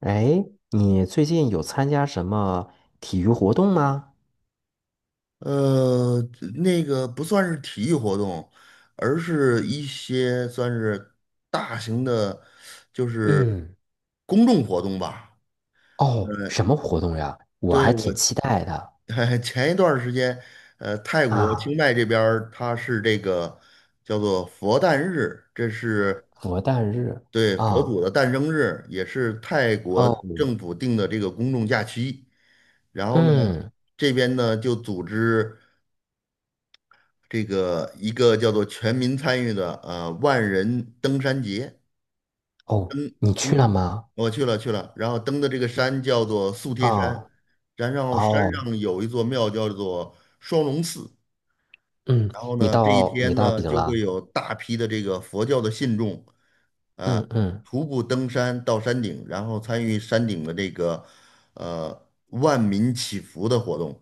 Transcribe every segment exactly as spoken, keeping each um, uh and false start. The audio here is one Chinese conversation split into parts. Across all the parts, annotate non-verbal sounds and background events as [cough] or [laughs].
哎，你最近有参加什么体育活动吗？呃，那个不算是体育活动，而是一些算是大型的，就是嗯，公众活动吧。哦，什么活动呀？我对，还我 挺期待的 [laughs] 前一段儿时间，呃，泰国啊，清迈这边儿它是这个叫做佛诞日，这是佛诞日对佛啊，祖的诞生日，也是泰国哦，政府定的这个公众假期。然后呢，嗯，这边呢就组织。这个一个叫做全民参与的呃万人登山节。哦，你去嗯，了吗？我去了去了，然后登的这个山叫做素贴山，啊，然后山哦，上有一座庙叫做双龙寺，嗯，然后你呢这一到你天到呢顶就了，会有大批的这个佛教的信众啊、嗯嗯徒步登山到山顶，然后参与山顶的这个呃万民祈福的活动。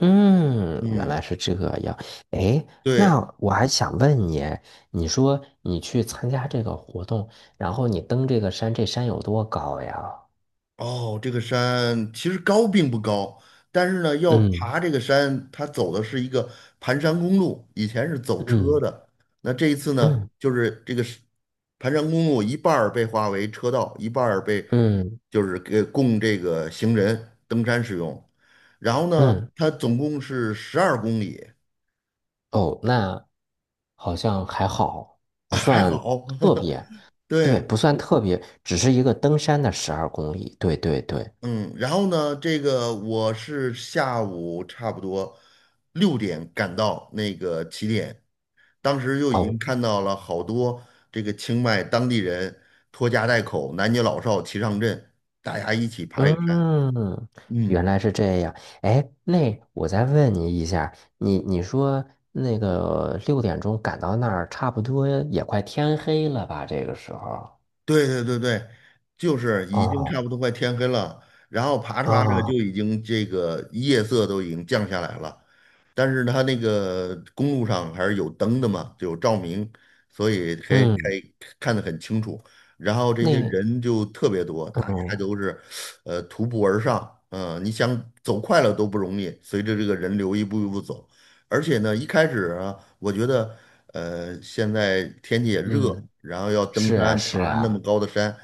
嗯，原嗯，来是这样。哎，对。那我还想问你，你说你去参加这个活动，然后你登这个山，这山有多高呀？哦，这个山其实高并不高，但是呢，要嗯。爬这个山，它走的是一个盘山公路，以前是走车嗯的。那这一次呢，嗯就是这个是盘山公路一半儿被划为车道，一半儿被嗯就是给供这个行人登山使用，然后呢，嗯，它总共是十二公里。哦，那好像还好，[laughs] 不还算好，特别，[laughs] 对，对。不算特别，只是一个登山的十二公里，对对对，嗯，然后呢，这个我是下午差不多六点赶到那个起点，当时就已经哦，看到了好多这个清迈当地人拖家带口、男女老少齐上阵，大家一起爬这个山。嗯，嗯，原来是这样。哎，那我再问你一下，你你说那个六点钟赶到那儿，差不多也快天黑了吧？这个时候，对对对对，就是已经哦差不多快天黑了，然后爬着爬着就哦，已经这个夜色都已经降下来了，但是它那个公路上还是有灯的嘛，就有照明，所以可以可嗯，以看得很清楚。然后这些那人就特别多，大家嗯都是呃徒步而上，嗯、你想走快了都不容易，随着这个人流一步一步走。而且呢，一开始啊我觉得。呃，现在天气也热，嗯，然后要登是啊山，是爬那么啊。高的山。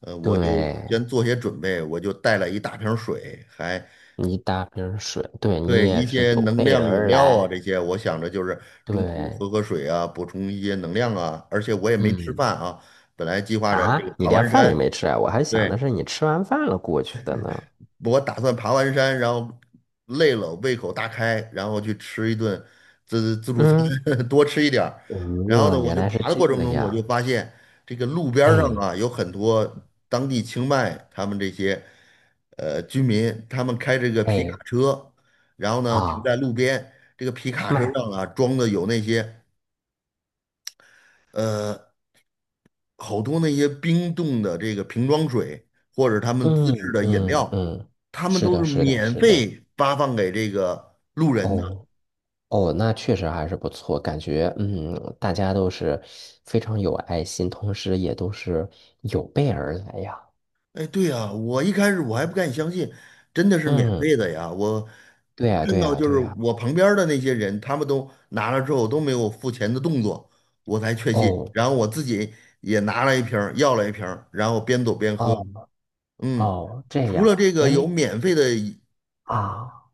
呃，我就对，先做些准备，我就带了一大瓶水，还你打瓶水，对对你也一是些有能备量饮而料啊这来。些，我想着就是中途对，喝喝水啊，补充一些能量啊，而且我也没吃嗯，饭啊，本来计划着这个啊，你爬连完饭也山。没吃啊？我还想对，的是你吃完饭了过去的呢。我打算爬完山，然后累了，胃口大开，然后去吃一顿自自助餐，嗯，[laughs] 多吃一点儿。然后呢，呃，我原就来是爬的这过程中，我就样。发现这个路边儿上哎啊，有很多当地清迈他们这些呃居民，他们开这个皮卡哎车，然后呢停啊，在路边，这个皮卡车卖，上啊装的有那些。呃。好多那些冰冻的这个瓶装水，或者他们自制嗯的饮嗯料，嗯，他们是都的，是是的，免是的。费发放给这个路人的。哦哦，那确实还是不错，感觉嗯，大家都是非常有爱心，同时也都是有备而来呀。哎，对呀，我一开始我还不敢相信，真的是免嗯，费的呀！我对呀，看对到呀，就对是呀。我旁边儿的那些人，他们都拿了之后都没有付钱的动作，我才确信。哦然后我自己也拿了一瓶儿要了一瓶儿然后边走边喝。哦嗯，哦，这除样，了这个有哎免费的啊，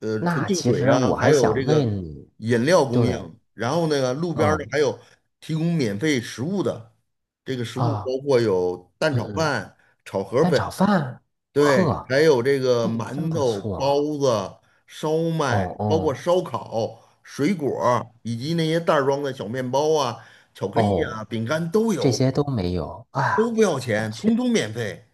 呃纯那净其水实啊，我还还有想这问个你，饮料供对，应，然后那个路边儿的嗯还有提供免费食物的，这个食物啊包括有蛋炒嗯，饭、炒河蛋粉，炒饭，对，呵，还有这个这真馒不头、错，包子、烧哦麦，包括哦烧烤、水果儿以及那些袋儿装的小面包啊、巧克力哦，啊、饼干都这有，些都没有都不啊，要那钱，确通通免费。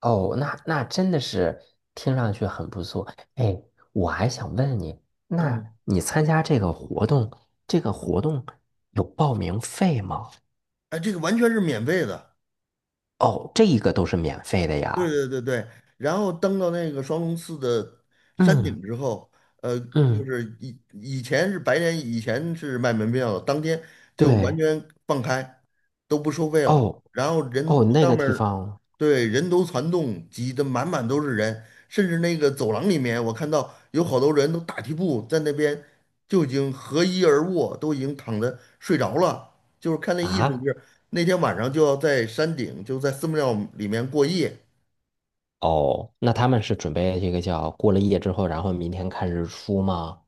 哦，那那真的是听上去很不错。哎，我还想问你，那嗯，你参加这个活动，这个活动有报名费吗？哎，这个完全是免费的。哦，这一个都是免费的对呀，对对对，然后登到那个双龙寺的山嗯。顶之后，呃，就嗯，是以以前是白天，以前是卖门票的，当天就完对，全放开，都不收费了。哦然后哦，人那上个面地儿方对，人头攒动，挤得满满都是人，甚至那个走廊里面，我看到有好多人都打地铺在那边就已经合衣而卧，都已经躺着睡着了，就是看那意思就啊，是那天晚上就要在山顶，就在寺庙里面过夜。哦，那他们是准备这个叫过了夜之后，然后明天看日出吗？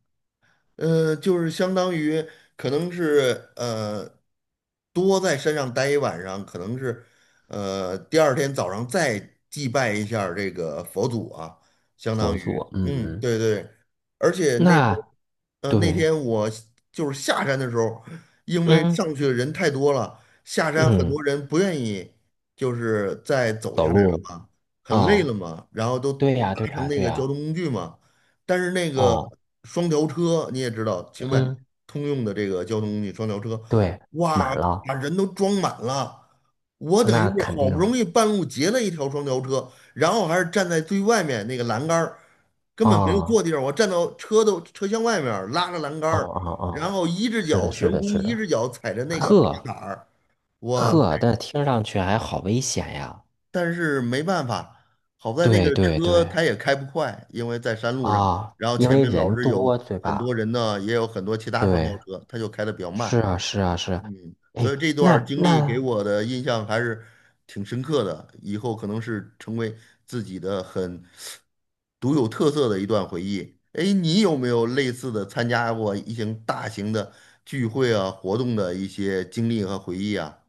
呃，就是相当于可能是呃，多在山上待一晚上，可能是呃第二天早上再祭拜一下儿这个佛祖啊，相当佛祖，于嗯，嗯，对对。而且那时候那呃那对，天我就是下山的时候，因为嗯上去的人太多了，下山很嗯，多人不愿意，就是再走下走来了路，嘛，很累哦，了嘛，然后都搭对呀对乘呀那对个交呀，通工具嘛。但是那个哦，双条车你也知道，清迈嗯，通用的这个交通工具双条车，对，哇，满了，把人都装满了。我等于那是肯好定，不容易半路截了一条双条车，然后还是站在最外面那个栏杆儿，根本没有坐哦地方，我站到车的车厢外面儿拉着栏杆哦儿，哦然哦，后一只是脚的悬是的空，是一的，只脚踩着那个踏呵板儿，哇，呵，但听上去还好危险呀，但是没办法，好在那个对对车对。它也开不快，因为在山路上，啊，然后因前为面老人是多，有对很多吧？人呢，也有很多其他双对，轿车，它就开得比较是慢。啊，是啊，是啊。嗯，所哎，以这段儿那经历给那，我的印象还是挺深刻的，以后可能是成为自己的很独有特色的一段回忆。哎，你有没有类似的参加过一些大型的聚会啊、活动的一些经历和回忆啊？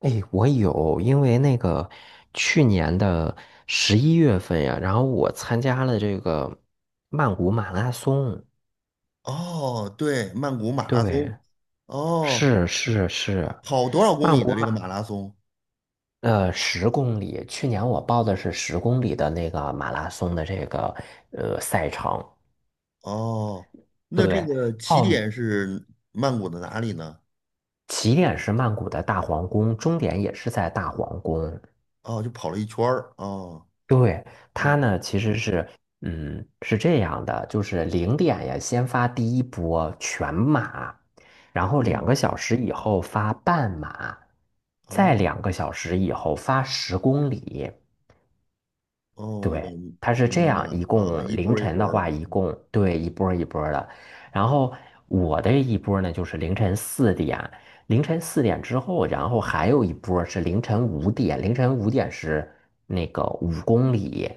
哎，我有，因为那个去年的十一月份呀，然后我参加了这个曼谷马拉松。哦，对，曼谷马拉松。对，哦，是是是，跑多少公曼里谷的这马，个马拉松？呃，十公里。去年我报的是十公里的那个马拉松的这个呃赛程。哦，那这对，个起点报是曼谷的哪里呢？起点是曼谷的大皇宫，终点也是在大皇宫。哦，就跑了一圈儿。哦，对，它嗯呢其实是，嗯，是这样的，就是零点呀，先发第一波全马，然后两嗯，个小时以后发半马，再哦两个小时以后发十公里。哦，我对，它是这明白样，了一啊，共一波凌儿一晨波的儿的。话，一嗯，共对一波儿一波儿的。然后我的一波儿呢，就是凌晨四点，凌晨四点之后，然后还有一波儿是凌晨五点，凌晨五点是那个五公里。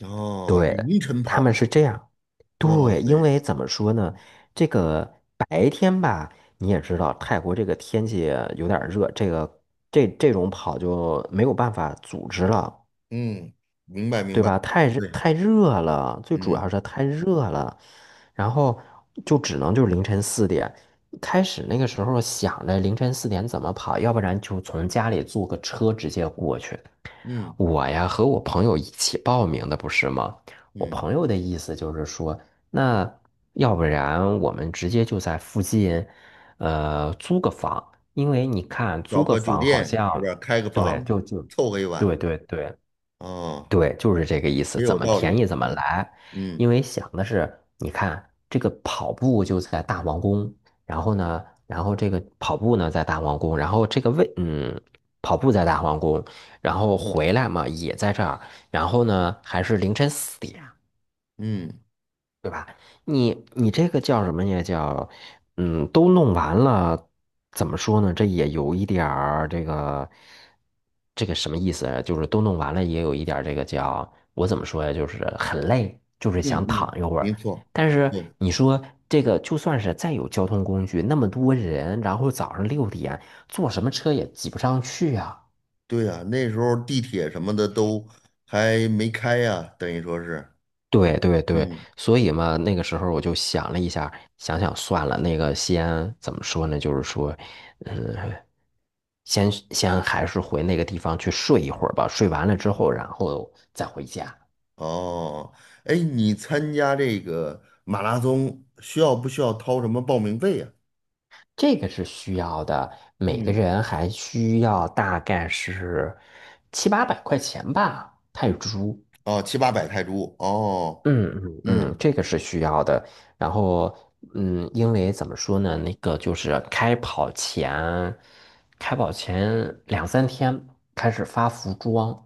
哦，凌晨他跑们啊，是这样，哇对，因塞，为怎么说呢，这个白天吧，你也知道，泰国这个天气有点儿热，这个这这种跑就没有办法组织了。嗯，明白明对白，吧？太热对，太热了，最主嗯要是太热了，然后就只能就是凌晨四点。开始那个时候想着凌晨四点怎么跑，要不然就从家里坐个车直接过去。嗯我呀和我朋友一起报名的，不是吗？我嗯，朋友的意思就是说，那要不然我们直接就在附近，呃，租个房，因为你看租找个个酒房好店是像，吧？开个对，房，就就，凑合一对晚。对对。哦，对，就是这个意思，也怎有么道便理。宜怎么嗯来。嗯因为想的是，你看这个跑步就在大皇宫，然后呢，然后这个跑步呢在大皇宫，然后这个位，嗯，跑步在大皇宫，然后回来嘛也在这儿，然后呢还是凌晨四点，嗯对吧？你你这个叫什么呀？叫嗯，都弄完了，怎么说呢？这也有一点儿这个这个什么意思啊就是都弄完了，也有一点儿这个叫我怎么说呀？就是很累，就是嗯想躺嗯，一会儿。没错。但是对。你说这个，就算是再有交通工具，那么多人，然后早上六点坐什么车也挤不上去呀、对呀，那时候地铁什么的都还没开呀，等于说是，对对对，嗯，所以嘛，那个时候我就想了一下，想想算了，那个先怎么说呢？就是说，嗯，先先还是回那个地方去睡一会儿吧，睡完了之后，然后再回家，哦，哎，你参加这个马拉松需要不需要掏什么报名费呀？这个是需要的，每个嗯，人还需要大概是七八百块钱吧，泰铢。哦，七八百泰铢，哦，嗯嗯嗯，嗯，这个是需要的。然后，嗯，因为怎么说呢，那个就是开跑前，开跑前两三天开始发服装。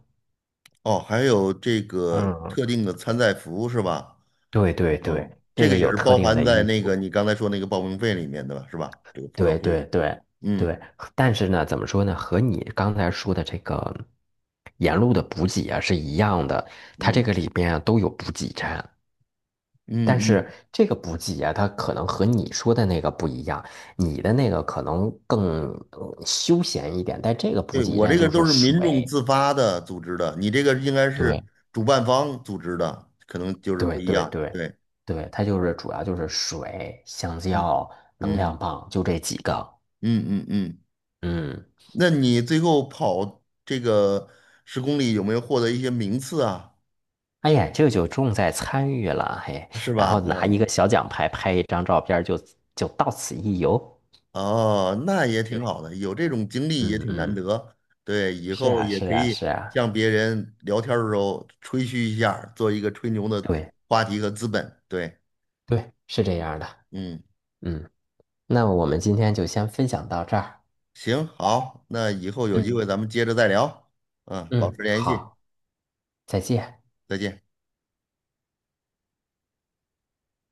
哦，还有这个嗯，特定的参赛服是吧？对对对，哦，这这个个也有是特包定含的在衣那个服。你刚才说那个报名费里面的吧，是吧？这个服对装费用，对对嗯对，但是呢，怎么说呢，和你刚才说的这个沿路的补给啊是一样的，它这嗯个里边啊都有补给站。但嗯嗯是这个补给啊，它可能和你说的那个不一样，你的那个可能更呃休闲一点，但这个补对，给我这站个就都是是民众水，自发的组织的，你这个应该是对，主办方组织的，可能就是不对一对样。对对，对，它就是主要就是水、香嗯蕉、能量嗯棒，就这几个。嗯嗯嗯。嗯，那你最后跑这个十公里有没有获得一些名次啊？哎呀，这就重在参与了，嘿，是然后吧？拿一个小奖牌拍一张照片儿就，就到此一游。啊、哦，那也对，挺好的，有这种经历也嗯挺难嗯，得。对，以是后啊也是可啊以是啊，向别人聊天儿的时候吹嘘一下儿做一个吹牛的对话题和资本。对，对，是这样的。嗯。嗯。那我们今天就先分享到这儿。行，好，那以后有机嗯会咱们接着再聊，嗯，保持嗯，联系，好，再见。再见。